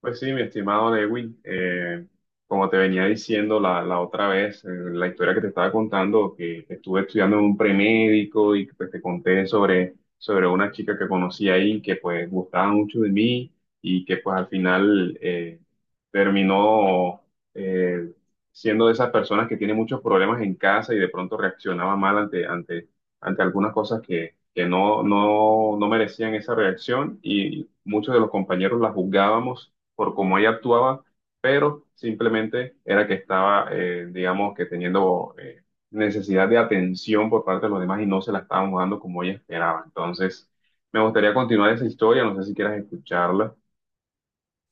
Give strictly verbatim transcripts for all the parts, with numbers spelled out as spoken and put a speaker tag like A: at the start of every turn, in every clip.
A: Pues sí, mi estimado Lewin, eh, como te venía diciendo la, la otra vez, eh, la historia que te estaba contando, que estuve estudiando en un premédico y pues te conté sobre, sobre una chica que conocí ahí que pues gustaba mucho de mí y que pues al final eh, terminó eh, siendo de esas personas que tienen muchos problemas en casa y de pronto reaccionaba mal ante, ante, ante algunas cosas que, que no, no, no merecían esa reacción, y muchos de los compañeros la juzgábamos por cómo ella actuaba, pero simplemente era que estaba, eh, digamos, que teniendo eh, necesidad de atención por parte de los demás y no se la estábamos dando como ella esperaba. Entonces, me gustaría continuar esa historia, no sé si quieras escucharla.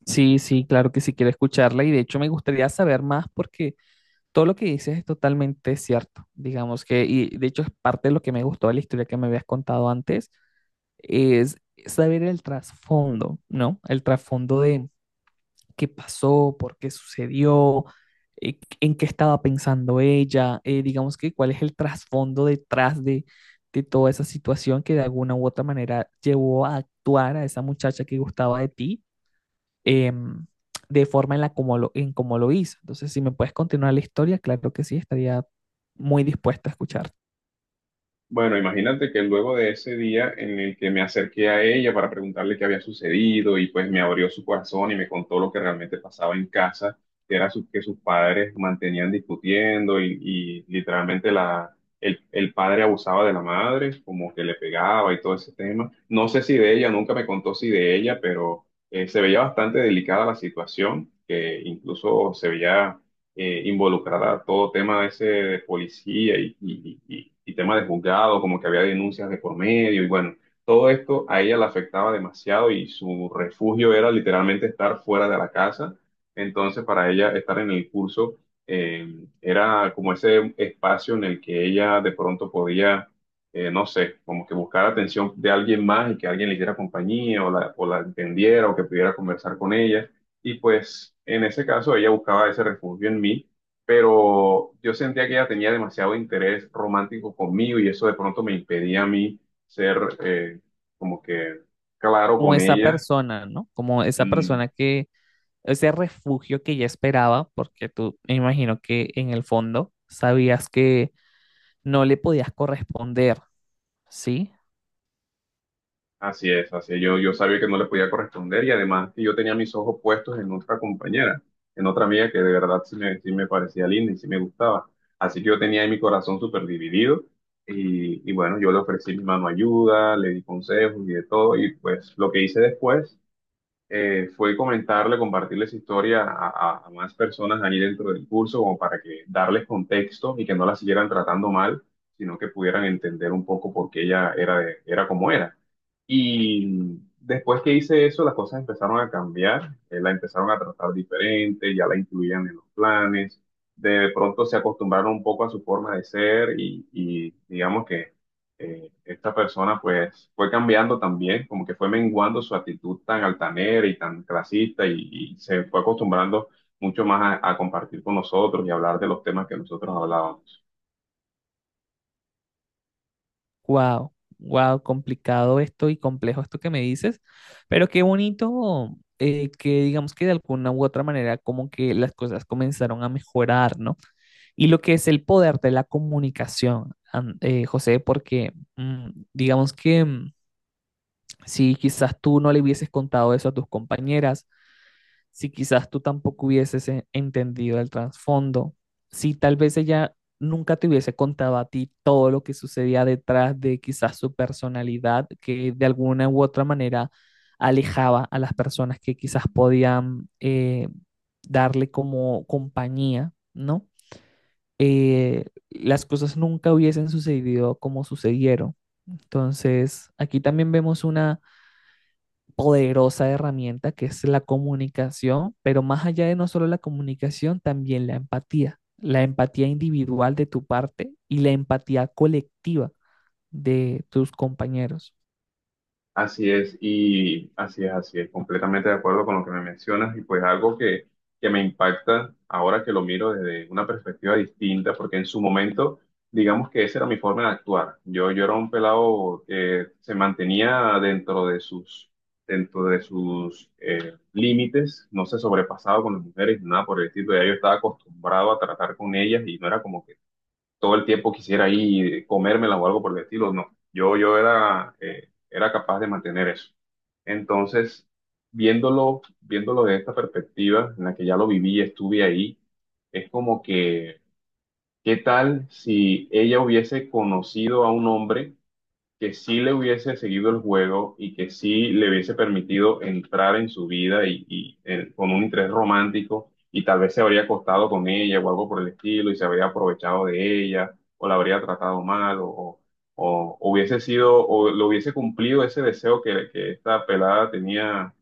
B: Sí, sí, claro que sí quiero escucharla, y de hecho me gustaría saber más porque todo lo que dices es totalmente cierto, digamos que, y de hecho es parte de lo que me gustó de la historia que me habías contado antes, es saber el trasfondo, ¿no? El trasfondo de qué pasó, por qué sucedió, eh, en qué estaba pensando ella, eh, digamos que cuál es el trasfondo detrás de, de toda esa situación que de alguna u otra manera llevó a actuar a esa muchacha que gustaba de ti, em, de forma en la como lo, en cómo lo hizo. Entonces, si me puedes continuar la historia, claro que sí, estaría muy dispuesta a escuchar.
A: Bueno, imagínate que luego de ese día en el que me acerqué a ella para preguntarle qué había sucedido y pues me abrió su corazón y me contó lo que realmente pasaba en casa, que era su- que sus padres mantenían discutiendo y, y literalmente la, el, el padre abusaba de la madre, como que le pegaba y todo ese tema. No sé si de ella, nunca me contó si de ella, pero eh, se veía bastante delicada la situación, que incluso se veía eh, involucrada todo tema ese de policía y, y, y- y tema de juzgado, como que había denuncias de por medio y bueno, todo esto a ella la afectaba demasiado y su refugio era literalmente estar fuera de la casa. Entonces, para ella estar en el curso eh, era como ese espacio en el que ella de pronto podía... eh, no sé, como que buscar atención de alguien más y que alguien le diera compañía o la, o la entendiera o que pudiera conversar con ella. Y pues en ese caso ella buscaba ese refugio en mí, pero yo sentía que ella tenía demasiado interés romántico conmigo y eso de pronto me impedía a mí ser eh, como que claro
B: Como
A: con
B: esa
A: ella.
B: persona, ¿no? Como esa
A: Mm,
B: persona que, ese refugio que ya esperaba, porque tú, me imagino que en el fondo sabías que no le podías corresponder, ¿sí?
A: Así es, así es. Yo, yo sabía que no le podía corresponder, y además que yo tenía mis ojos puestos en otra compañera, en otra amiga que de verdad sí me, sí me parecía linda y sí me gustaba. Así que yo tenía ahí mi corazón súper dividido y, y bueno, yo le ofrecí mi mano ayuda, le di consejos y de todo, y pues lo que hice después eh, fue comentarle, compartirle esa historia a, a- a más personas ahí dentro del curso, como para que darles contexto y que no la siguieran tratando mal, sino que pudieran entender un poco por qué ella era, de- era como era. Y después que hice eso, las cosas empezaron a cambiar, eh, la empezaron a tratar diferente, ya la incluían en los planes, de pronto se acostumbraron un poco a su forma de ser y, y digamos que eh, esta persona pues pues fue cambiando también, como que fue menguando su actitud tan altanera y tan clasista y, y se fue acostumbrando mucho más a, a compartir con nosotros y hablar de los temas que nosotros hablábamos.
B: Wow, wow, complicado esto y complejo esto que me dices, pero qué bonito, eh, que digamos que de alguna u otra manera como que las cosas comenzaron a mejorar, ¿no? Y lo que es el poder de la comunicación, an- eh, José, porque mm, digamos que, mm, si quizás tú no le hubieses contado eso a tus compañeras, si quizás tú tampoco hubieses eh, entendido el trasfondo, si tal vez ella nunca te hubiese contado a ti todo lo que sucedía detrás de quizás su personalidad, que de alguna u otra manera alejaba a las personas que quizás podían eh, darle como compañía, ¿no? Eh, las cosas nunca hubiesen sucedido como sucedieron. Entonces, aquí también vemos una poderosa herramienta que es la comunicación, pero más allá de no solo la comunicación, también la empatía, la empatía individual de tu parte y la empatía colectiva de tus compañeros.
A: Así es, y así es, así es, completamente de acuerdo con lo que me mencionas, y pues algo que, que me impacta ahora que lo miro desde una perspectiva distinta, porque en su momento, digamos que esa era mi forma de actuar. Yo, yo era un pelado que se mantenía dentro de sus, dentro de sus eh, límites, no se sobrepasaba con las mujeres, nada por el estilo, ya yo estaba acostumbrado a tratar con ellas y no era como que todo el tiempo quisiera ahí comérmelas o algo por el estilo, no. Yo, yo era, eh, era capaz de mantener eso. Entonces, viéndolo, viéndolo de esta perspectiva en la que ya lo viví y estuve ahí, es como que, ¿qué tal si ella hubiese conocido a un hombre? Que sí le hubiese seguido el juego y que sí le hubiese permitido entrar en su vida y, y, eh, con un interés romántico, y tal vez se habría acostado con ella o algo por el estilo y se habría aprovechado de ella o la habría tratado mal, o, o- o hubiese sido o lo hubiese cumplido ese deseo que, que esta pelada tenía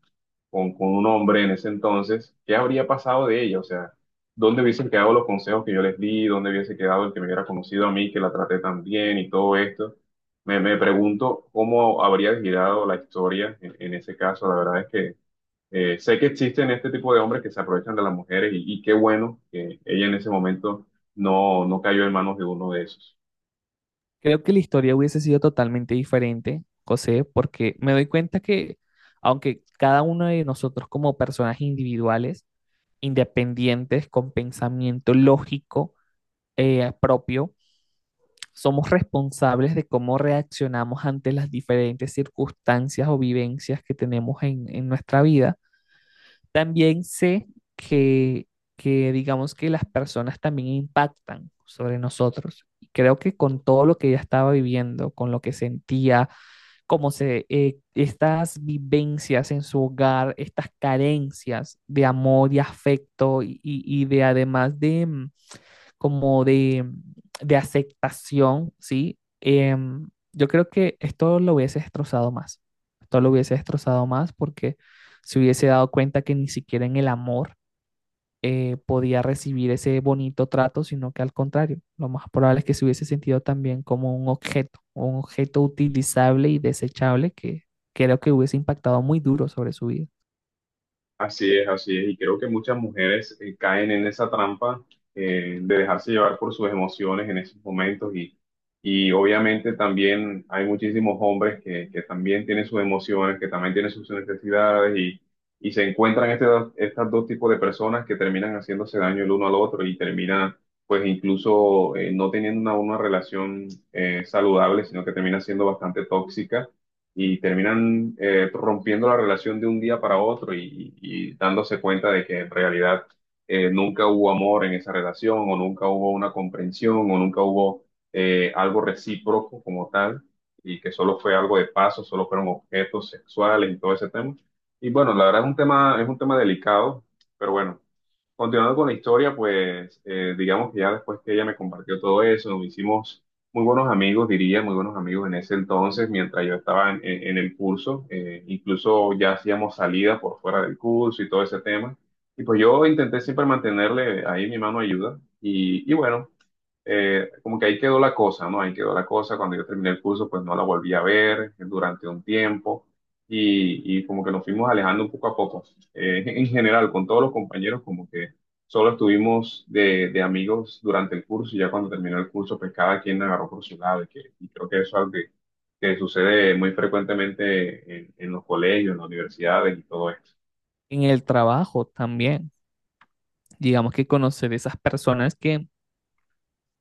A: con, con un hombre en ese entonces, ¿qué habría pasado de ella? O sea, ¿dónde hubiesen quedado los consejos que yo les di? ¿Dónde hubiese quedado el que me hubiera conocido a mí, que la traté tan bien y todo esto? Me, me pregunto cómo habría girado la historia en, en ese caso. La verdad es que eh, sé que existen este tipo de hombres que se aprovechan de las mujeres, y, y qué bueno que ella en ese momento no, no cayó en manos de uno de esos.
B: Creo que la historia hubiese sido totalmente diferente, José, porque me doy cuenta que aunque cada uno de nosotros, como personajes individuales independientes, con pensamiento lógico eh, propio, somos responsables de cómo reaccionamos ante las diferentes circunstancias o vivencias que tenemos en, en nuestra vida. También sé que, que digamos que las personas también impactan sobre nosotros. Creo que con todo lo que ella estaba viviendo, con lo que sentía, cómo se, eh, estas vivencias en su hogar, estas carencias de amor y afecto y, y- y de además de, mm, como de, mm, de aceptación, ¿sí? Em, yo creo que esto lo hubiese destrozado más, esto lo hubiese destrozado más porque se hubiese dado cuenta que ni siquiera en el amor eh, podía recibir ese bonito trato, sino que al contrario, lo más probable es que se hubiese sentido también como un objeto, un objeto utilizable y desechable, que creo que hubiese impactado muy duro sobre su vida.
A: Así es, así es. Y creo que muchas mujeres eh, caen en esa trampa, eh, de dejarse llevar por sus emociones en esos momentos. Y, y obviamente también hay muchísimos hombres que, que también tienen sus emociones, que también tienen sus necesidades y, y se encuentran este, estos dos tipos de personas que terminan haciéndose daño el uno al otro y terminan pues incluso eh, no teniendo una, una relación eh, saludable, sino que termina siendo bastante tóxica y terminan eh, rompiendo la relación de un día para otro, y, y- y dándose cuenta de que en realidad eh, nunca hubo amor en esa relación, o nunca hubo una comprensión, o nunca hubo eh, algo recíproco como tal, y que solo fue algo de paso, solo fueron objetos sexuales y todo ese tema. Y bueno, la verdad es un tema, es un tema delicado, pero bueno. Continuando con la historia, pues eh, digamos que ya después que ella me compartió todo eso, nos hicimos muy buenos amigos, diría, muy buenos amigos en ese entonces, mientras yo estaba en, en- en el curso, eh, incluso ya hacíamos salida por fuera del curso y todo ese tema. Y pues yo intenté siempre mantenerle ahí mi mano de ayuda. Y, y bueno, eh, como que ahí quedó la cosa, ¿no? Ahí quedó la cosa. Cuando yo terminé el curso, pues no la volví a ver durante un tiempo, y, y como que nos fuimos alejando un poco a poco. Eh, en general, con todos los compañeros, como que solo estuvimos de, de amigos durante el curso, y ya cuando terminó el curso, pues cada quien agarró por su lado, y, que, y creo que eso es algo que, que sucede muy frecuentemente en, en los colegios, en las universidades y todo esto.
B: En el trabajo también, digamos que conocer esas personas que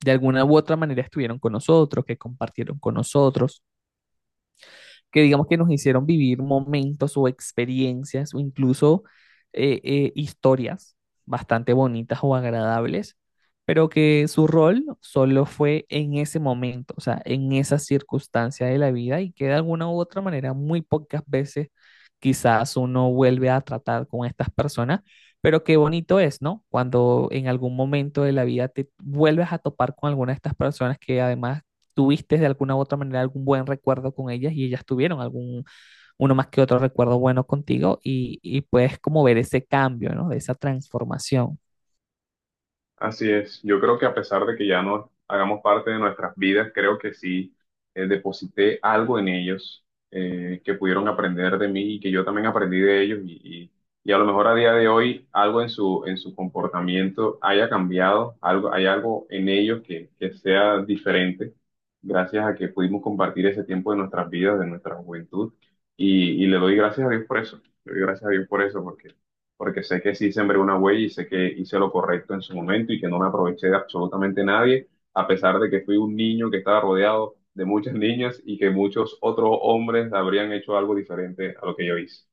B: de alguna u otra manera estuvieron con nosotros, que compartieron con nosotros, que digamos que nos hicieron vivir momentos o experiencias o incluso eh, eh, historias bastante bonitas o agradables, pero que su rol solo fue en ese momento, o sea, en esa circunstancia de la vida, y que de alguna u otra manera muy pocas veces quizás uno vuelve a tratar con estas personas, pero qué bonito es, ¿no? Cuando en algún momento de la vida te vuelves a topar con alguna de estas personas que además tuviste de alguna u otra manera algún buen recuerdo con ellas, y ellas tuvieron algún, uno más que otro recuerdo bueno contigo, y, y puedes como ver ese cambio, ¿no? De esa transformación.
A: Así es, yo creo que a pesar de que ya no hagamos parte de nuestras vidas, creo que sí eh, deposité algo en ellos, eh, que pudieron aprender de mí y que yo también aprendí de ellos, y, y- y a lo mejor a día de hoy algo en su, en su comportamiento haya cambiado, algo, hay algo en ellos que, que sea diferente gracias a que pudimos compartir ese tiempo de nuestras vidas, de nuestra juventud, y, y le doy gracias a Dios por eso, le doy gracias a Dios por eso porque porque sé que sí sembré una huella y sé que hice lo correcto en su momento y que no me aproveché de absolutamente nadie, a pesar de que fui un niño que estaba rodeado de muchas niñas y que muchos otros hombres habrían hecho algo diferente a lo que yo hice.